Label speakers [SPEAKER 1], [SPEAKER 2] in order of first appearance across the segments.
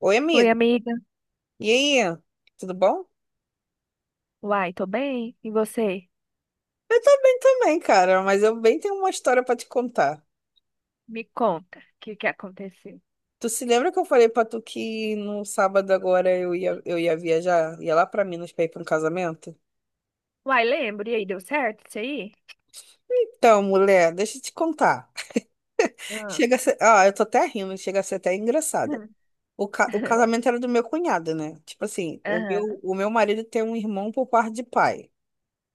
[SPEAKER 1] Oi,
[SPEAKER 2] Oi,
[SPEAKER 1] amigo.
[SPEAKER 2] amiga.
[SPEAKER 1] E aí? Tudo bom?
[SPEAKER 2] Uai, tô bem. E você?
[SPEAKER 1] Eu tô bem também, cara, mas eu bem tenho uma história pra te contar.
[SPEAKER 2] Me conta, o que que aconteceu?
[SPEAKER 1] Tu se lembra que eu falei pra tu que no sábado agora eu ia viajar? Ia lá pra Minas pra ir pra um casamento?
[SPEAKER 2] Uai, lembro. E aí, deu certo isso aí?
[SPEAKER 1] Então, mulher, deixa eu te contar.
[SPEAKER 2] Ah.
[SPEAKER 1] Ah, eu tô até rindo, chega a ser até engraçada. O casamento era do meu cunhado, né? Tipo assim, o meu,
[SPEAKER 2] Aham.
[SPEAKER 1] o meu marido tem um irmão por parte de pai.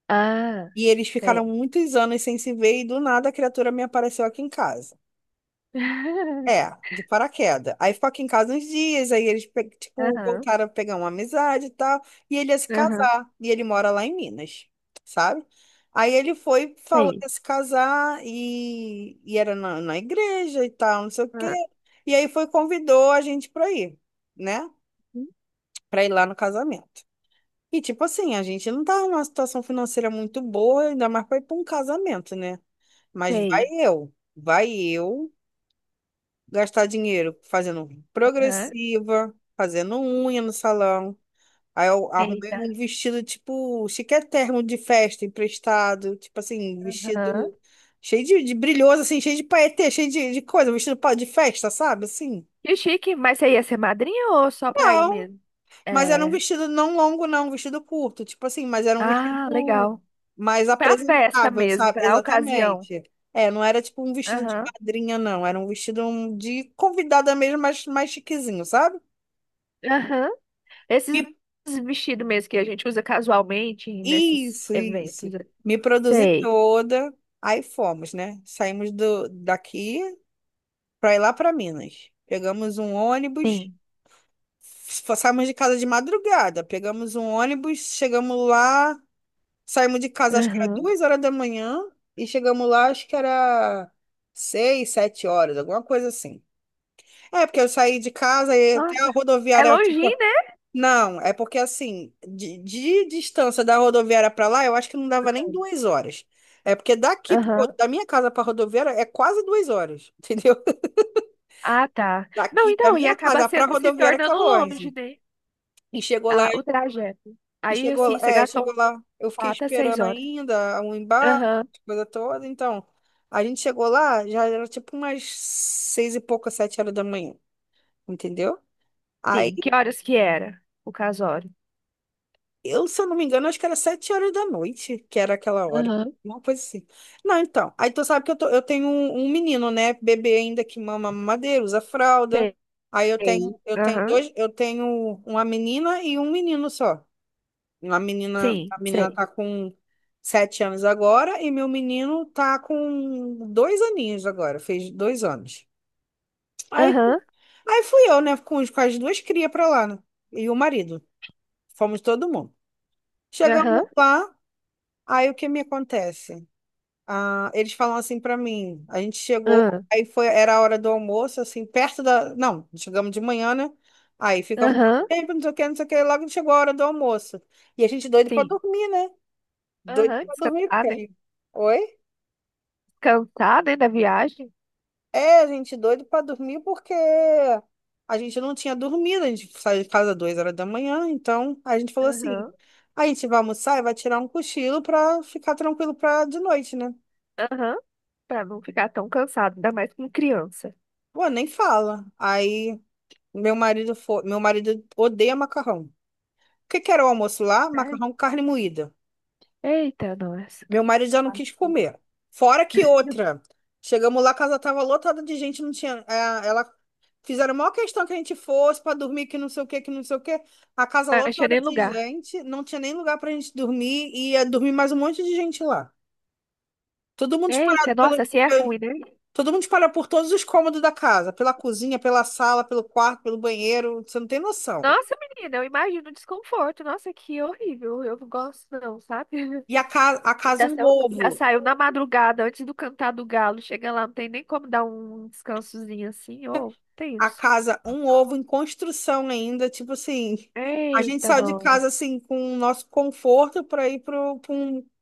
[SPEAKER 2] Ah,
[SPEAKER 1] E eles
[SPEAKER 2] sei.
[SPEAKER 1] ficaram muitos anos sem se ver e do nada a criatura me apareceu aqui em casa. É, de paraquedas. Aí ficou aqui em casa uns dias, aí eles, tipo,
[SPEAKER 2] Aham,
[SPEAKER 1] voltaram a pegar uma amizade e tal, e ele ia se
[SPEAKER 2] aham,
[SPEAKER 1] casar, e ele mora lá em Minas, sabe? Aí ele foi, falou que
[SPEAKER 2] sei.
[SPEAKER 1] ia se casar, e era na igreja e tal, não sei o quê,
[SPEAKER 2] Ah,
[SPEAKER 1] e aí foi, convidou a gente pra ir, né? Pra ir lá no casamento. E, tipo assim, a gente não tá numa situação financeira muito boa, ainda mais pra ir pra um casamento, né? Mas vai
[SPEAKER 2] sei.
[SPEAKER 1] eu, vai eu gastar dinheiro fazendo
[SPEAKER 2] Aham,
[SPEAKER 1] progressiva, fazendo unha no salão. Aí eu arrumei
[SPEAKER 2] eita.
[SPEAKER 1] um vestido tipo chiquérrimo de festa emprestado, tipo assim, vestido
[SPEAKER 2] Aham.
[SPEAKER 1] cheio de brilhoso, assim, cheio de paetê, cheio de coisa, vestido de festa, sabe? Assim.
[SPEAKER 2] Que chique, mas você ia ser madrinha ou só pra ir
[SPEAKER 1] Não,
[SPEAKER 2] mesmo?
[SPEAKER 1] mas era um
[SPEAKER 2] É.
[SPEAKER 1] vestido não longo, não, um vestido curto, tipo assim, mas era um
[SPEAKER 2] Ah,
[SPEAKER 1] vestido
[SPEAKER 2] legal.
[SPEAKER 1] mais
[SPEAKER 2] Pra festa
[SPEAKER 1] apresentável,
[SPEAKER 2] mesmo,
[SPEAKER 1] sabe?
[SPEAKER 2] pra ocasião.
[SPEAKER 1] Exatamente. É, não era tipo um vestido de
[SPEAKER 2] Aham,
[SPEAKER 1] madrinha, não. Era um vestido de convidada mesmo, mas mais chiquezinho, sabe?
[SPEAKER 2] aham. Esses
[SPEAKER 1] Me-
[SPEAKER 2] vestidos mesmo que a gente usa casualmente nesses
[SPEAKER 1] Isso, isso.
[SPEAKER 2] eventos.
[SPEAKER 1] Me produzi
[SPEAKER 2] Sei,
[SPEAKER 1] toda. Aí fomos, né? Saímos daqui para ir lá para Minas. Pegamos um ônibus,
[SPEAKER 2] sim.
[SPEAKER 1] saímos de casa de madrugada. Pegamos um ônibus, chegamos lá, saímos de casa acho que era
[SPEAKER 2] Aham.
[SPEAKER 1] 2 horas da manhã e chegamos lá acho que era 6, 7 horas, alguma coisa assim. É, porque eu saí de casa e até a
[SPEAKER 2] Nossa, é
[SPEAKER 1] rodoviária tipo.
[SPEAKER 2] longinho, né?
[SPEAKER 1] Não, é porque assim, de distância da rodoviária para lá, eu acho que não dava nem 2 horas. É porque daqui,
[SPEAKER 2] Aham.
[SPEAKER 1] da minha casa para rodoviária, é quase 2 horas, entendeu?
[SPEAKER 2] Ah, tá. Não,
[SPEAKER 1] Daqui, da
[SPEAKER 2] então, e
[SPEAKER 1] minha
[SPEAKER 2] acaba
[SPEAKER 1] casa
[SPEAKER 2] se,
[SPEAKER 1] para
[SPEAKER 2] se
[SPEAKER 1] rodoviária, que é
[SPEAKER 2] tornando longe,
[SPEAKER 1] longe.
[SPEAKER 2] né?
[SPEAKER 1] E chegou lá,
[SPEAKER 2] Ah, o trajeto.
[SPEAKER 1] e
[SPEAKER 2] Aí,
[SPEAKER 1] chegou,
[SPEAKER 2] assim,
[SPEAKER 1] lá-
[SPEAKER 2] você
[SPEAKER 1] é,
[SPEAKER 2] gastou
[SPEAKER 1] chegou lá, eu fiquei
[SPEAKER 2] quatro a seis
[SPEAKER 1] esperando
[SPEAKER 2] horas.
[SPEAKER 1] ainda o embarque,
[SPEAKER 2] Aham,
[SPEAKER 1] coisa toda. Então, a gente chegou lá, já era tipo umas seis e pouca, 7 horas da manhã, entendeu?
[SPEAKER 2] sim. Que horas que era o casório?
[SPEAKER 1] Eu, se eu não me engano, acho que era 7 horas da noite, que era aquela hora.
[SPEAKER 2] Aham.
[SPEAKER 1] Uma coisa assim. Não, então. Aí tu sabe que eu tenho um menino, né? Bebê ainda que mama mamadeira, usa fralda.
[SPEAKER 2] Sei.
[SPEAKER 1] Aí eu tenho
[SPEAKER 2] Aham,
[SPEAKER 1] dois, eu tenho uma menina e um menino só. Uma menina,
[SPEAKER 2] sim,
[SPEAKER 1] a menina
[SPEAKER 2] sei.
[SPEAKER 1] tá com 7 anos agora e meu menino tá com 2 aninhos agora, fez 2 anos. Aí,
[SPEAKER 2] Aham,
[SPEAKER 1] aí, fui eu, né? Com as duas crias pra lá, né? E o marido. Fomos todo mundo. Chegamos
[SPEAKER 2] aham,
[SPEAKER 1] lá. Aí o que me acontece? Ah, eles falam assim pra mim, a gente chegou,
[SPEAKER 2] aham,
[SPEAKER 1] aí foi, era a hora do almoço, assim, perto da, não, chegamos de manhã, né? Aí ficamos,
[SPEAKER 2] aham,
[SPEAKER 1] tempo, não sei o que, não sei o que, logo chegou a hora do almoço. E a gente doido pra
[SPEAKER 2] sim.
[SPEAKER 1] dormir, né? Doido
[SPEAKER 2] Aham,
[SPEAKER 1] pra dormir,
[SPEAKER 2] descansar,
[SPEAKER 1] porque...
[SPEAKER 2] né?
[SPEAKER 1] Oi?
[SPEAKER 2] Cansada, né da viagem?
[SPEAKER 1] É, a gente doido pra dormir porque a gente não tinha dormido, a gente saiu de casa 2 horas da manhã, então a gente falou assim,
[SPEAKER 2] Aham,
[SPEAKER 1] a gente vai almoçar e vai tirar um cochilo pra ficar tranquilo pra de noite, né?
[SPEAKER 2] aham, pra não ficar tão cansado, ainda mais com criança.
[SPEAKER 1] Pô, nem fala. Aí Meu marido odeia macarrão. O que que era o almoço lá?
[SPEAKER 2] Né?
[SPEAKER 1] Macarrão, carne moída.
[SPEAKER 2] Eita, nossa.
[SPEAKER 1] Meu marido já não quis comer. Fora que outra. Chegamos lá, a casa tava lotada de gente, não tinha. É, ela fizeram a maior questão que a gente fosse para dormir, que não sei o que, que não sei o que. A casa
[SPEAKER 2] Não achei
[SPEAKER 1] lotada
[SPEAKER 2] nem
[SPEAKER 1] de
[SPEAKER 2] lugar.
[SPEAKER 1] gente, não tinha nem lugar pra gente dormir e ia dormir mais um monte de gente lá. Todo mundo
[SPEAKER 2] Eita,
[SPEAKER 1] espalhado pelo,
[SPEAKER 2] nossa, assim é
[SPEAKER 1] pelo-
[SPEAKER 2] ruim, né?
[SPEAKER 1] todo mundo espalhado por todos os cômodos da casa, pela cozinha, pela sala, pelo quarto, pelo banheiro. Você não tem noção.
[SPEAKER 2] Nossa, menina, eu imagino o desconforto. Nossa, que horrível. Eu não gosto, não, sabe?
[SPEAKER 1] E a casa um
[SPEAKER 2] Já
[SPEAKER 1] ovo.
[SPEAKER 2] saiu na madrugada, antes do cantar do galo. Chega lá, não tem nem como dar um descansozinho assim. Ô, tem
[SPEAKER 1] A
[SPEAKER 2] isso.
[SPEAKER 1] casa um ovo em construção ainda. Tipo assim, a gente
[SPEAKER 2] Eita,
[SPEAKER 1] saiu de
[SPEAKER 2] não.
[SPEAKER 1] casa assim com o nosso conforto para ir para um, pra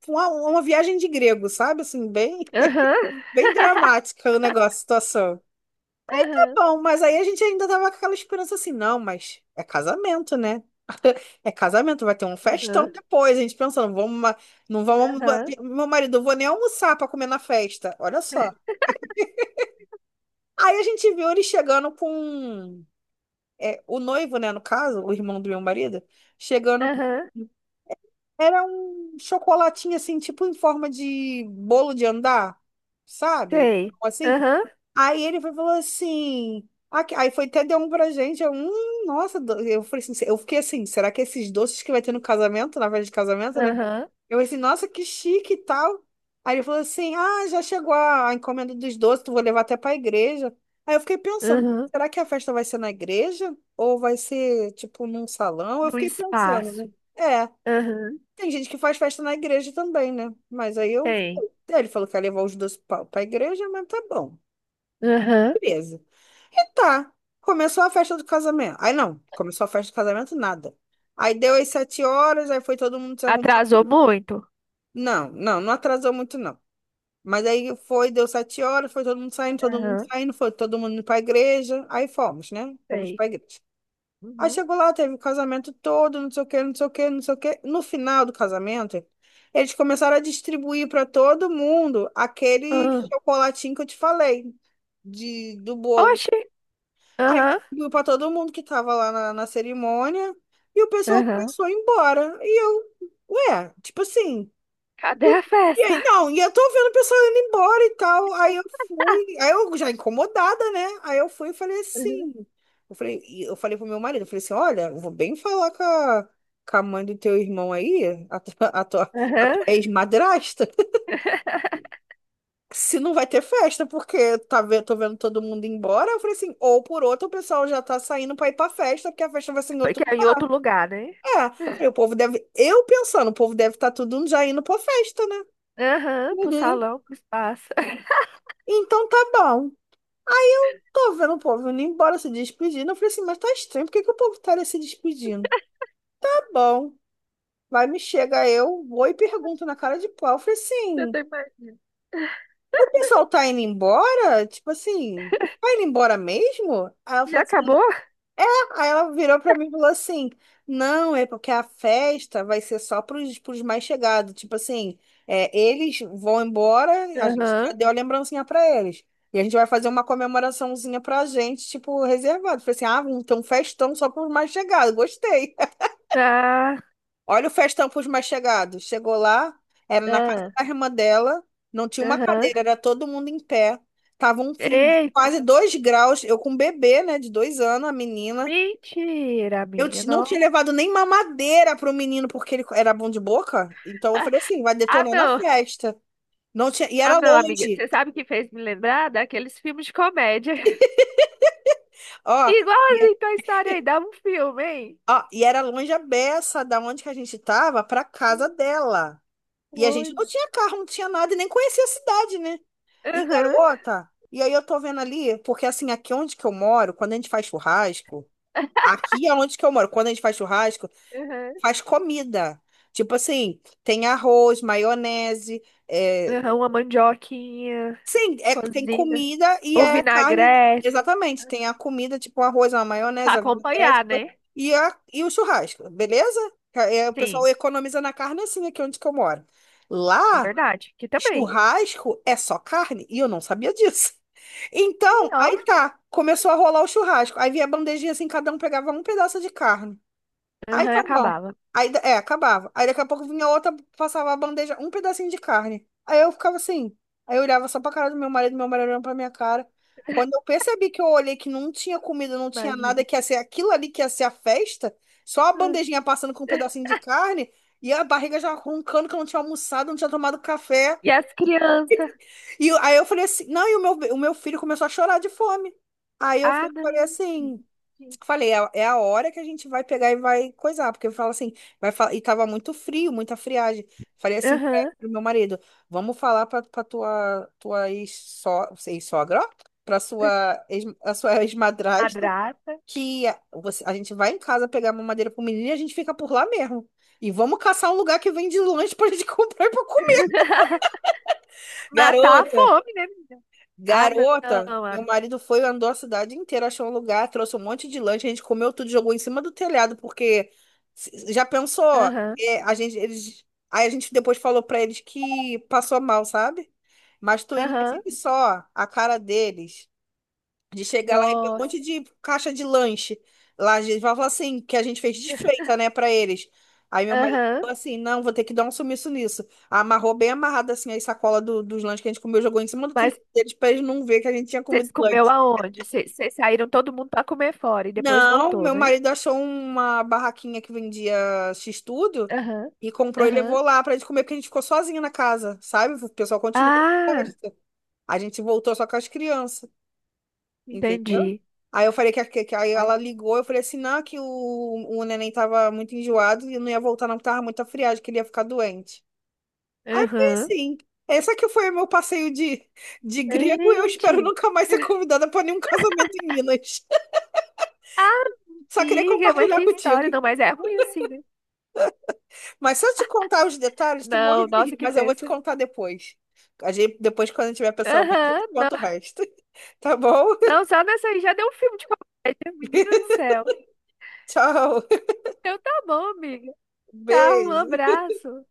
[SPEAKER 1] uma, uma viagem de grego, sabe? Assim, bem,
[SPEAKER 2] Aham,
[SPEAKER 1] bem dramática o negócio, a situação. Tá
[SPEAKER 2] aham,
[SPEAKER 1] bom, mas aí a gente ainda tava com aquela esperança assim, não, mas é casamento, né? É casamento, vai ter um festão
[SPEAKER 2] aham,
[SPEAKER 1] depois. A gente pensando, vamos, não vamos,
[SPEAKER 2] aham,
[SPEAKER 1] meu marido, eu vou nem almoçar para comer na festa. Olha só. Aí a gente viu ele chegando com um é, o noivo, né, no caso, o irmão do meu marido, chegando.
[SPEAKER 2] aham.
[SPEAKER 1] Era um chocolatinho assim, tipo em forma de bolo de andar, sabe?
[SPEAKER 2] Sei.
[SPEAKER 1] Assim.
[SPEAKER 2] Aham,
[SPEAKER 1] Aí ele foi, falou assim. Aí foi até deu um pra gente. Eu falei assim, eu fiquei assim, será que esses doces que vai ter no casamento, na festa de casamento, né?
[SPEAKER 2] aham,
[SPEAKER 1] Eu falei assim, nossa, que chique e tal. Aí ele falou assim: ah, já chegou a encomenda dos doces, tu vou levar até para a igreja. Aí eu fiquei pensando:
[SPEAKER 2] aham.
[SPEAKER 1] será que a festa vai ser na igreja? Ou vai ser, tipo, num salão? Eu
[SPEAKER 2] Do
[SPEAKER 1] fiquei pensando, né?
[SPEAKER 2] espaço.
[SPEAKER 1] É,
[SPEAKER 2] Aham,
[SPEAKER 1] tem gente que faz festa na igreja também, né? Mas aí eu.
[SPEAKER 2] tem,
[SPEAKER 1] Aí ele falou que ia levar os doces para a igreja, mas tá bom.
[SPEAKER 2] aham.
[SPEAKER 1] Beleza. E tá. Começou a festa do casamento. Aí não, começou a festa do casamento, nada. Aí deu as 7 horas, aí foi todo mundo se arrumando.
[SPEAKER 2] Atrasou muito?
[SPEAKER 1] Não, não, não atrasou muito, não. Mas aí foi, deu 7 horas, foi todo mundo
[SPEAKER 2] Aham,
[SPEAKER 1] saindo, foi todo mundo pra igreja. Aí fomos, né? Fomos
[SPEAKER 2] tem,
[SPEAKER 1] pra igreja. Aí
[SPEAKER 2] uhum.
[SPEAKER 1] chegou lá, teve o casamento todo, não sei o quê, não sei o quê, não sei o quê. No final do casamento, eles começaram a distribuir para todo mundo aquele
[SPEAKER 2] Ah.
[SPEAKER 1] chocolatinho que eu te falei, do bolo.
[SPEAKER 2] Oxi.
[SPEAKER 1] Aí
[SPEAKER 2] Aham,
[SPEAKER 1] distribuiu para todo mundo que estava lá na cerimônia. E o pessoal
[SPEAKER 2] aham.
[SPEAKER 1] começou a ir embora. E eu, ué, tipo assim.
[SPEAKER 2] Cadê a
[SPEAKER 1] E
[SPEAKER 2] festa?
[SPEAKER 1] aí, não, e eu tô vendo o pessoal indo embora e tal. Aí eu fui, aí eu já incomodada, né? Aí eu fui e falei
[SPEAKER 2] Aham.
[SPEAKER 1] assim. E eu falei pro meu marido, eu falei assim, olha, eu vou bem falar com a mãe do teu irmão aí, a tua
[SPEAKER 2] Aham.
[SPEAKER 1] ex-madrasta, se não vai ter festa, porque tô vendo todo mundo embora. Eu falei assim, ou por outro, o pessoal já tá saindo pra ir pra festa, porque a festa vai ser em outro
[SPEAKER 2] Porque é em
[SPEAKER 1] lugar.
[SPEAKER 2] outro lugar, né?
[SPEAKER 1] É, falei, o povo deve, eu pensando, o povo deve estar tá tudo já indo pra festa, né?
[SPEAKER 2] Aham, pro
[SPEAKER 1] Uhum.
[SPEAKER 2] salão, pro espaço.
[SPEAKER 1] Então tá bom. Tô vendo o povo indo embora se despedindo. Eu falei assim, mas tá estranho, por que que o povo tá ali se despedindo? Tá bom, vai me chega eu, vou e pergunto na cara de pau. Eu falei
[SPEAKER 2] Eu tô
[SPEAKER 1] assim,
[SPEAKER 2] imaginando.
[SPEAKER 1] o pessoal tá indo embora? Tipo assim, vai indo embora mesmo?
[SPEAKER 2] Já acabou?
[SPEAKER 1] Aí ela virou pra mim e falou assim: não, é porque a festa vai ser só pros mais chegados. Tipo assim, é, eles vão embora, a gente já
[SPEAKER 2] Aham.
[SPEAKER 1] deu a lembrancinha pra eles. E a gente vai fazer uma comemoraçãozinha pra gente, tipo, reservado. Falei assim: ah, vamos ter um festão só pros mais chegados. Gostei.
[SPEAKER 2] Tá.
[SPEAKER 1] Olha o festão pros mais chegados. Chegou lá, era na casa
[SPEAKER 2] Ah,
[SPEAKER 1] da irmã dela, não tinha uma
[SPEAKER 2] aham.
[SPEAKER 1] cadeira, era todo mundo em pé. Tava um frio de
[SPEAKER 2] Eita.
[SPEAKER 1] quase 2 graus. Eu com um bebê, né, de 2 anos, a menina.
[SPEAKER 2] Mentira,
[SPEAKER 1] Eu
[SPEAKER 2] amiga.
[SPEAKER 1] ti- não tinha
[SPEAKER 2] Não.
[SPEAKER 1] levado nem mamadeira pro menino porque ele era bom de boca. Então eu falei assim, vai
[SPEAKER 2] Ah,
[SPEAKER 1] detonar na
[SPEAKER 2] não.
[SPEAKER 1] festa. Não tinha, e
[SPEAKER 2] Ah,
[SPEAKER 1] era
[SPEAKER 2] não, amiga.
[SPEAKER 1] longe.
[SPEAKER 2] Você sabe o que fez me lembrar daqueles filmes de comédia.
[SPEAKER 1] Ó, e,
[SPEAKER 2] Igualzinho Toy Story aí, dava um filme, hein?
[SPEAKER 1] ó, e era longe a beça da onde que a gente tava pra casa dela. E a gente não
[SPEAKER 2] Coisa.
[SPEAKER 1] tinha carro, não tinha nada e nem conhecia a cidade, né? E
[SPEAKER 2] Aham,
[SPEAKER 1] garota, e aí eu tô vendo ali, porque assim, aqui onde que eu moro, quando a gente faz churrasco, aqui é onde que eu moro, quando a gente faz churrasco,
[SPEAKER 2] aham.
[SPEAKER 1] faz comida. Tipo assim, tem arroz, maionese, é,
[SPEAKER 2] Aham, uma mandioquinha
[SPEAKER 1] Sim, é, tem
[SPEAKER 2] cozida.
[SPEAKER 1] comida e
[SPEAKER 2] Ou
[SPEAKER 1] é carne.
[SPEAKER 2] vinagrete.
[SPEAKER 1] Exatamente, tem a comida, tipo arroz, uma
[SPEAKER 2] Pra
[SPEAKER 1] maionese, uma vinagrete,
[SPEAKER 2] acompanhar, né?
[SPEAKER 1] e o churrasco, beleza? É, o pessoal
[SPEAKER 2] Sim,
[SPEAKER 1] economiza na carne assim, aqui onde que eu moro.
[SPEAKER 2] é
[SPEAKER 1] Lá,
[SPEAKER 2] verdade. Que também.
[SPEAKER 1] churrasco é só carne, e eu não sabia disso.
[SPEAKER 2] E
[SPEAKER 1] Então,
[SPEAKER 2] ó,
[SPEAKER 1] aí tá, começou a rolar o churrasco. Aí vinha a bandejinha assim, cada um pegava um pedaço de carne. Aí
[SPEAKER 2] aham,
[SPEAKER 1] tá bom.
[SPEAKER 2] acabava.
[SPEAKER 1] Aí, acabava. Aí daqui a pouco vinha outra, passava a bandeja, um pedacinho de carne. Aí eu ficava assim. Aí eu olhava só pra cara do meu marido olhando pra minha cara. Quando eu percebi que eu olhei que não tinha comida, não tinha nada,
[SPEAKER 2] Imagina.
[SPEAKER 1] que ia ser aquilo ali que ia ser a festa, só a
[SPEAKER 2] Ah.
[SPEAKER 1] bandejinha passando com um pedacinho de carne e a barriga já roncando que eu não tinha almoçado, não tinha tomado café.
[SPEAKER 2] E as crianças?
[SPEAKER 1] Aí eu falei assim, não, e o meu filho começou a chorar de fome. Aí eu fui-
[SPEAKER 2] Ah,
[SPEAKER 1] falei
[SPEAKER 2] não.
[SPEAKER 1] assim, falei, é, a é a hora que a gente vai pegar e vai coisar, porque eu falo assim, e tava muito frio, muita friagem. Falei assim, é,
[SPEAKER 2] Aham.
[SPEAKER 1] pro meu marido, vamos falar pra tua ex-sogra, ó, a sua ex-madrasta,
[SPEAKER 2] Madrasta.
[SPEAKER 1] que a gente vai em casa pegar uma madeira pro menino e a gente fica por lá mesmo. E vamos caçar um lugar que vende lanche pra gente comprar e pra comer.
[SPEAKER 2] Matar a
[SPEAKER 1] Garota!
[SPEAKER 2] fome, né? Ah, não.
[SPEAKER 1] Garota,
[SPEAKER 2] Ah,
[SPEAKER 1] meu marido foi, andou a cidade inteira, achou um lugar, trouxe um monte de lanche, a gente comeu tudo, jogou em cima do telhado, porque já pensou,
[SPEAKER 2] aham,
[SPEAKER 1] é, a gente, eles, aí a gente depois falou pra eles que passou mal, sabe? Mas tu
[SPEAKER 2] aham.
[SPEAKER 1] imagina só a cara deles. De chegar lá e ver um
[SPEAKER 2] Nossa.
[SPEAKER 1] monte de caixa de lanche. Lá a gente vai falar assim, que a gente fez desfeita, né, pra eles. Aí meu marido
[SPEAKER 2] Aham.
[SPEAKER 1] falou assim, não, vou ter que dar um sumiço nisso. Amarrou bem amarrado assim a sacola dos lanches que a gente comeu, jogou em cima do telhado
[SPEAKER 2] Mas
[SPEAKER 1] deles pra eles não ver que a gente tinha comido
[SPEAKER 2] vocês
[SPEAKER 1] lanche.
[SPEAKER 2] comeu aonde? Vocês saíram todo mundo pra comer fora e depois
[SPEAKER 1] Não,
[SPEAKER 2] voltou,
[SPEAKER 1] meu
[SPEAKER 2] né?
[SPEAKER 1] marido achou uma barraquinha que vendia x-tudo
[SPEAKER 2] Aham,
[SPEAKER 1] e comprou e
[SPEAKER 2] aham.
[SPEAKER 1] levou lá pra gente comer, porque a gente ficou sozinha na casa, sabe? O pessoal continuou na
[SPEAKER 2] Ah,
[SPEAKER 1] festa. A gente voltou só com as crianças. Entendeu?
[SPEAKER 2] entendi.
[SPEAKER 1] Aí eu falei aí ela
[SPEAKER 2] Ai.
[SPEAKER 1] ligou, eu falei assim, não, que o neném tava muito enjoado e não ia voltar não, porque tava muito friagem, que ele ia ficar doente. Aí foi
[SPEAKER 2] Aham.
[SPEAKER 1] assim. Essa que foi o meu passeio de grego e eu espero
[SPEAKER 2] Gente.
[SPEAKER 1] nunca mais ser convidada para nenhum casamento em Minas. Só queria
[SPEAKER 2] Amiga, mas
[SPEAKER 1] compartilhar
[SPEAKER 2] que
[SPEAKER 1] contigo.
[SPEAKER 2] história. Não, mas é ruim assim, né?
[SPEAKER 1] Mas se eu te contar os detalhes, tu morre
[SPEAKER 2] Não,
[SPEAKER 1] de
[SPEAKER 2] nossa,
[SPEAKER 1] rir,
[SPEAKER 2] que
[SPEAKER 1] mas eu vou te
[SPEAKER 2] tensa.
[SPEAKER 1] contar depois. A gente, depois, quando eu tiver pessoalmente, eu
[SPEAKER 2] Aham,
[SPEAKER 1] te conto o
[SPEAKER 2] não.
[SPEAKER 1] resto. Tá bom?
[SPEAKER 2] Não, só nessa aí já deu um filme de comédia, menina do céu.
[SPEAKER 1] Tchau.
[SPEAKER 2] Então tá bom, amiga. Tá, um
[SPEAKER 1] Beijo.
[SPEAKER 2] abraço.